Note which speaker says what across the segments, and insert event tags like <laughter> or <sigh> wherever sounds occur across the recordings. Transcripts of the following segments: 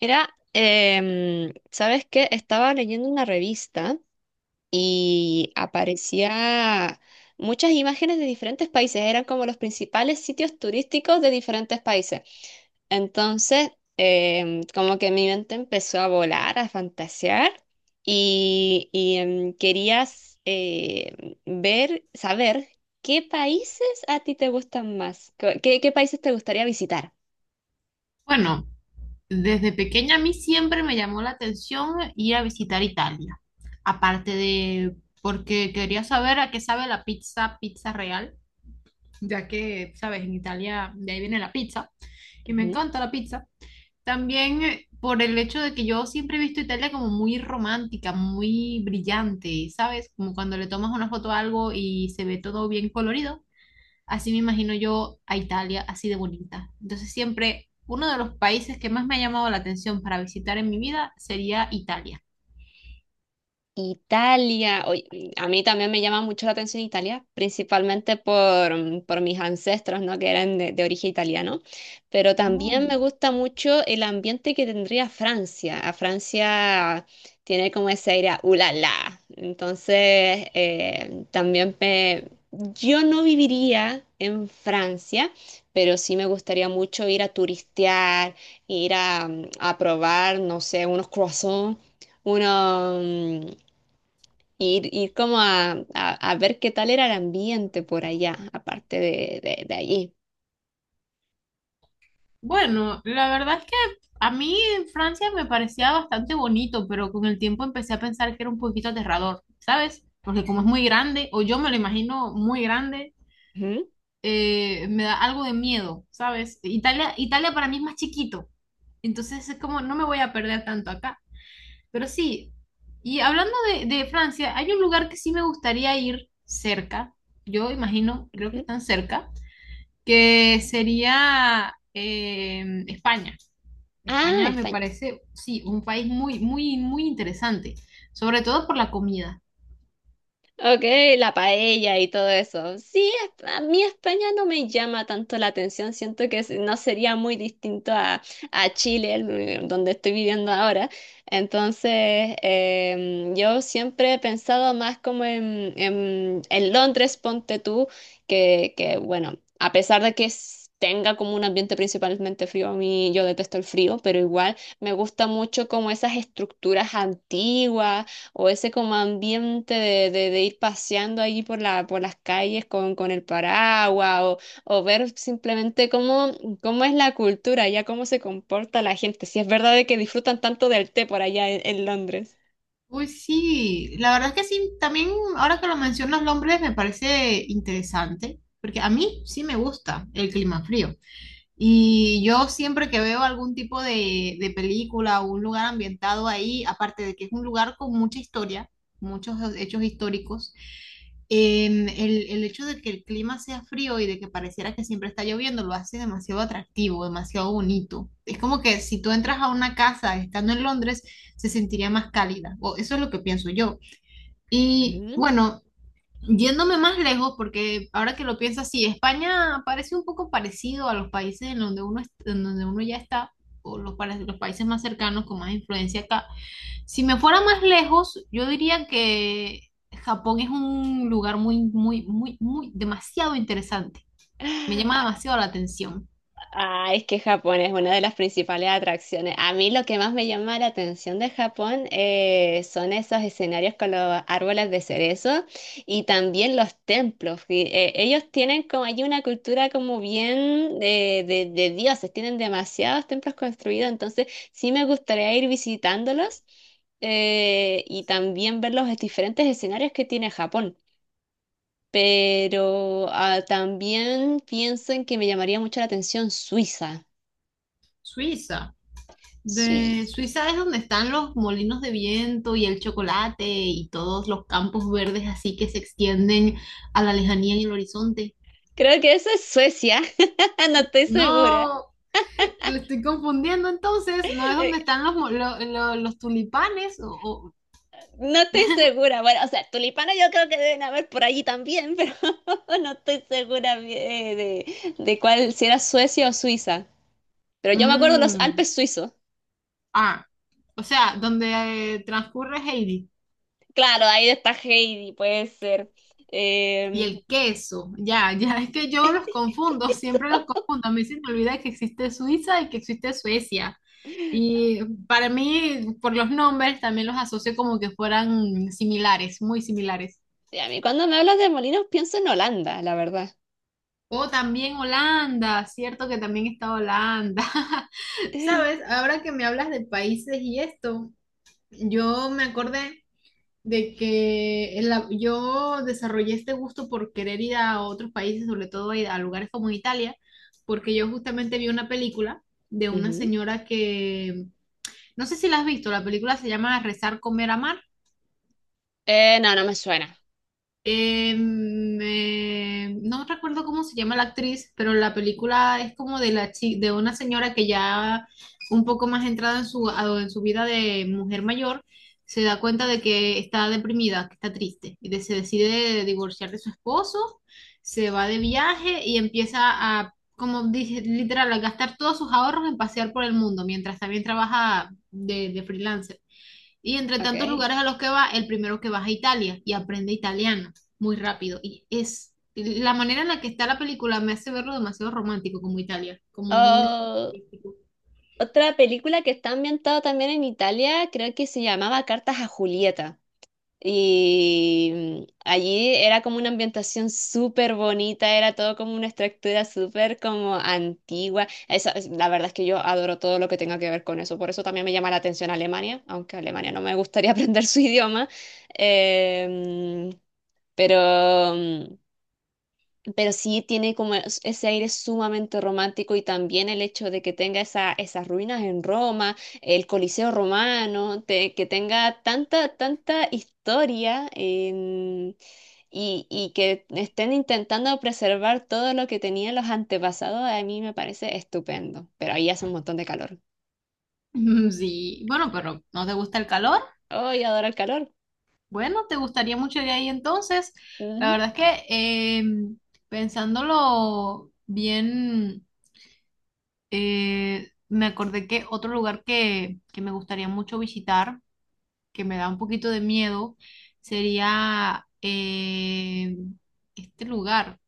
Speaker 1: Mira, ¿sabes qué? Estaba leyendo una revista y aparecía muchas imágenes de diferentes países, eran como los principales sitios turísticos de diferentes países. Entonces, como que mi mente empezó a volar, a fantasear y querías ver, saber qué países a ti te gustan más, qué países te gustaría visitar.
Speaker 2: Bueno, desde pequeña a mí siempre me llamó la atención ir a visitar Italia. Aparte de porque quería saber a qué sabe la pizza, pizza real, ya que, sabes, en Italia de ahí viene la pizza y me
Speaker 1: Ujú.
Speaker 2: encanta la pizza. También por el hecho de que yo siempre he visto Italia como muy romántica, muy brillante, ¿sabes? Como cuando le tomas una foto a algo y se ve todo bien colorido, así me imagino yo a Italia, así de bonita. Entonces siempre uno de los países que más me ha llamado la atención para visitar en mi vida sería Italia.
Speaker 1: Italia, oye, a mí también me llama mucho la atención Italia, principalmente por, por mis ancestros, ¿no? Que eran de origen italiano, pero también
Speaker 2: Mm.
Speaker 1: me gusta mucho el ambiente que tendría Francia. A Francia tiene como ese aire a ulala, entonces también me... Yo no viviría en Francia, pero sí me gustaría mucho ir a turistear, ir a, a probar, no sé, unos croissants uno mm, ir como a ver qué tal era el ambiente por allá, aparte de allí.
Speaker 2: Bueno, la verdad es que a mí en Francia me parecía bastante bonito, pero con el tiempo empecé a pensar que era un poquito aterrador, ¿sabes? Porque como es muy grande, o yo me lo imagino muy grande,
Speaker 1: Ujú,
Speaker 2: me da algo de miedo, ¿sabes? Italia, Italia para mí es más chiquito, entonces es como no me voy a perder tanto acá. Pero sí, y hablando de Francia, hay un lugar que sí me gustaría ir cerca, yo imagino, creo que
Speaker 1: ujú.
Speaker 2: están cerca, que sería España.
Speaker 1: Ah,
Speaker 2: España me
Speaker 1: España.
Speaker 2: parece, sí, un país muy, muy, muy interesante, sobre todo por la comida.
Speaker 1: Ok, la paella y todo eso. Sí, es- a mí España no me llama tanto la atención. Siento que se- no sería muy distinto a Chile, el- donde estoy viviendo ahora. Entonces, yo siempre he pensado más como en, en Londres, ponte tú, bueno, a pesar de que s- tenga como un ambiente principalmente frío, a mí yo detesto el frío, pero igual me gusta mucho como esas estructuras antiguas o ese como ambiente de ir paseando ahí por la, por las calles con el paraguas o ver simplemente cómo, cómo es la cultura, ya cómo se comporta la gente, si es verdad de que disfrutan tanto del té por allá en Londres.
Speaker 2: Uy, sí, la verdad es que sí, también ahora que lo mencionas, Londres me parece interesante, porque a mí sí me gusta el clima frío. Y yo siempre que veo algún tipo de película o un lugar ambientado ahí, aparte de que es un lugar con mucha historia, muchos hechos históricos, el hecho de que el clima sea frío y de que pareciera que siempre está lloviendo lo hace demasiado atractivo, demasiado bonito. Es como que si tú entras a una casa estando en Londres, se sentiría más cálida, o eso es lo que pienso yo. Y bueno, yéndome más lejos, porque ahora que lo pienso así, España parece un poco parecido a los países en donde uno, en donde uno ya está, o los países más cercanos con más influencia acá. Si me fuera más lejos, yo diría que Japón es un lugar muy, muy, muy, muy, demasiado interesante. Me llama
Speaker 1: Ujú.
Speaker 2: demasiado la atención.
Speaker 1: Ah, es que Japón es una de las principales atracciones. A mí lo que más me llama la atención de Japón son esos escenarios con los árboles de cerezo y también los templos. Y, ellos tienen como allí una cultura como bien de dioses, tienen demasiados templos construidos, entonces sí me gustaría ir visitándolos y también ver los diferentes escenarios que tiene Japón. Pero ah, también pienso en que me llamaría mucho la atención Suiza.
Speaker 2: Suiza. De
Speaker 1: Suiza.
Speaker 2: Suiza es donde están los molinos de viento y el chocolate y todos los campos verdes así que se extienden a la lejanía en el horizonte.
Speaker 1: Creo que eso es Suecia. <laughs> No estoy segura.
Speaker 2: No, le estoy confundiendo entonces. ¿No es
Speaker 1: Eh,
Speaker 2: donde están los, mo- lo- los tulipanes? O-
Speaker 1: No estoy segura. Bueno, o sea, tulipanes yo creo que deben haber por allí también, pero <laughs> no estoy segura de cuál, si era Suecia o Suiza. Pero yo me acuerdo de los
Speaker 2: Mm,
Speaker 1: Alpes suizos.
Speaker 2: ah, o sea, donde transcurre Heidi
Speaker 1: Claro, ahí está Heidi, puede ser.
Speaker 2: y
Speaker 1: Eh,
Speaker 2: el queso. Ya, ya es que yo los confundo, siempre los confundo. A mí se me olvida que existe Suiza y que existe Suecia. Y para mí, por los nombres, también los asocio como que fueran similares, muy similares.
Speaker 1: y a mí cuando me hablas de molinos pienso en Holanda, la verdad.
Speaker 2: O también Holanda, cierto que también está Holanda. <laughs> Sabes,
Speaker 1: <laughs>
Speaker 2: ahora que me hablas de países y esto, yo me acordé de que en yo desarrollé este gusto por querer ir a otros países, sobre todo a lugares como Italia, porque yo justamente vi una película de una
Speaker 1: Ujú.
Speaker 2: señora que, no sé si la has visto, la película se llama Rezar, comer, amar.
Speaker 1: No, no me suena.
Speaker 2: No recuerdo cómo se llama la actriz, pero la película es como de de una señora que ya un poco más entrada en su, en su vida de mujer mayor, se da cuenta de que está deprimida, que está triste, y se decide divorciar de su esposo, se va de viaje y empieza a, como dije, literal, a gastar todos sus ahorros en pasear por el mundo, mientras también trabaja de freelancer. Y entre tantos
Speaker 1: Ok.
Speaker 2: lugares a los que va, el primero que vas a Italia y aprende italiano muy rápido. Y es la manera en la que está la película me hace verlo demasiado romántico como Italia, como un destino
Speaker 1: Oh,
Speaker 2: turístico. <laughs>
Speaker 1: otra película que está ambientada también en Italia, creo que se llamaba Cartas a Julieta. Y allí era como una ambientación súper bonita, era todo como una estructura súper como antigua. Esa- es- la verdad es que yo adoro todo lo que tenga que ver con eso, por eso también me llama la atención Alemania, aunque Alemania no me gustaría <laughs> aprender su idioma. Em, pero... mm, pero sí tiene como es- ese aire sumamente romántico y también el hecho de que tenga esa, esas ruinas en Roma, el Coliseo romano, te- que tenga tanta, tanta historia en- y que estén intentando preservar todo lo que tenían los antepasados, a mí me parece estupendo, pero ahí hace un montón de calor.
Speaker 2: Mm, sí, bueno, pero ¿no te gusta el calor?
Speaker 1: ¡Ay, adoro el calor!
Speaker 2: Bueno, te gustaría mucho ir ahí entonces. La
Speaker 1: Ujú.
Speaker 2: verdad es que pensándolo bien, me acordé que otro lugar que me gustaría mucho visitar que me da un poquito de miedo sería este lugar.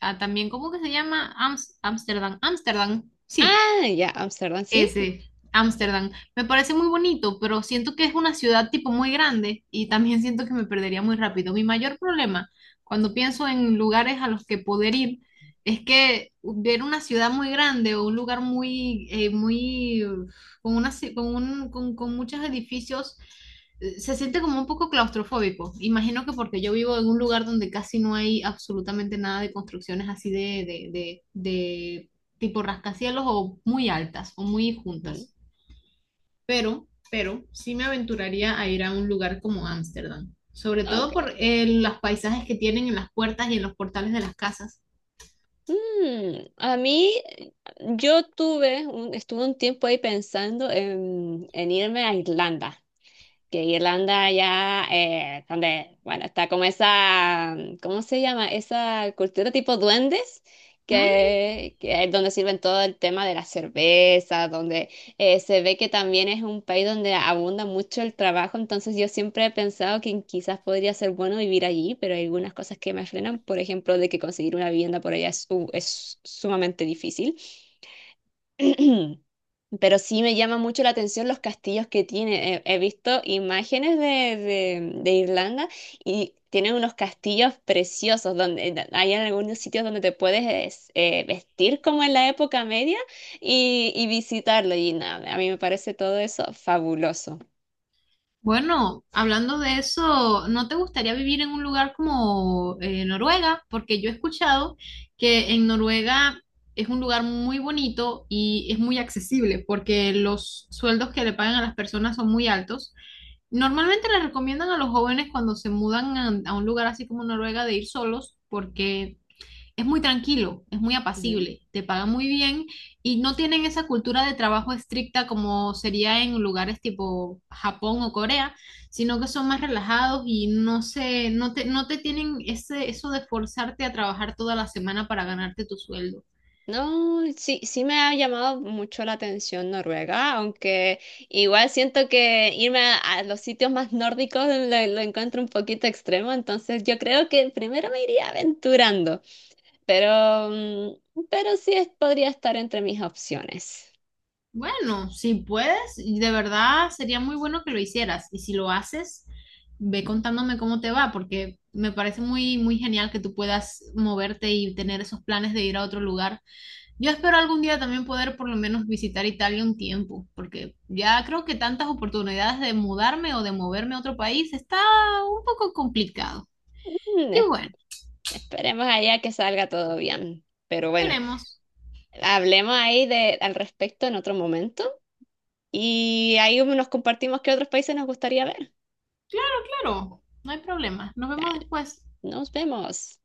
Speaker 2: Ah, también, ¿cómo que se llama? Ámsterdam, Amsterdam, sí.
Speaker 1: Ah, ya, Amsterdam, sí.
Speaker 2: Ese, Ámsterdam. Me parece muy bonito, pero siento que es una ciudad tipo muy grande y también siento que me perdería muy rápido. Mi mayor problema cuando pienso en lugares a los que poder ir es que ver una ciudad muy grande o un lugar muy, muy, con una, con muchos edificios, se siente como un poco claustrofóbico. Imagino que porque yo vivo en un lugar donde casi no hay absolutamente nada de construcciones así de, tipo rascacielos o muy altas o muy
Speaker 1: Ujú.
Speaker 2: juntas. Pero sí me aventuraría a ir a un lugar como Ámsterdam, sobre todo por
Speaker 1: Ok.
Speaker 2: los paisajes que tienen en las puertas y en los portales de las casas.
Speaker 1: Mm, a mí, yo tuve, un- estuve un tiempo ahí pensando en irme a Irlanda que Irlanda ya, donde, bueno, está como esa, ¿cómo se llama? Esa cultura tipo duendes,
Speaker 2: Mm,
Speaker 1: que es donde sirven todo el tema de la cerveza, donde se ve que también es un país donde abunda mucho el trabajo, entonces yo siempre he pensado que quizás podría ser bueno vivir allí, pero hay algunas cosas que me frenan, por ejemplo, de que conseguir una vivienda por allá es, su- es sumamente difícil. <clears throat> Pero sí me llama mucho la atención los castillos que tiene. He, he visto imágenes de Irlanda y tienen unos castillos preciosos donde hay en algunos sitios donde te puedes es- vestir como en la época media y visitarlo. Y nada, a mí me parece todo eso fabuloso.
Speaker 2: bueno, hablando de eso, ¿no te gustaría vivir en un lugar como Noruega? Porque yo he escuchado que en Noruega es un lugar muy bonito y es muy accesible porque los sueldos que le pagan a las personas son muy altos. Normalmente les recomiendan a los jóvenes cuando se mudan a un lugar así como Noruega de ir solos porque es muy tranquilo, es muy apacible, te pagan muy bien y no tienen esa cultura de trabajo estricta como sería en lugares tipo Japón o Corea, sino que son más relajados y no te tienen ese, eso de forzarte a trabajar toda la semana para ganarte tu sueldo.
Speaker 1: No, sí, sí me ha llamado mucho la atención Noruega, aunque igual siento que irme a los sitios más nórdicos lo encuentro un poquito extremo, entonces yo creo que primero me iría aventurando, pero, pero sí es- podría estar entre mis opciones.
Speaker 2: Bueno, si puedes, y de verdad sería muy bueno que lo hicieras. Y si lo haces, ve contándome cómo te va, porque me parece muy, muy genial que tú puedas moverte y tener esos planes de ir a otro lugar. Yo espero algún día también poder por lo menos visitar Italia un tiempo, porque ya creo que tantas oportunidades de mudarme o de moverme a otro país está un poco complicado.
Speaker 1: Mm,
Speaker 2: Y
Speaker 1: es-
Speaker 2: bueno,
Speaker 1: esperemos allá que salga todo bien, pero bueno,
Speaker 2: veremos.
Speaker 1: hablemos ahí de, al respecto en otro momento y ahí nos compartimos qué otros países nos gustaría ver.
Speaker 2: Claro, no hay problema. Nos vemos
Speaker 1: Dale,
Speaker 2: después.
Speaker 1: nos vemos.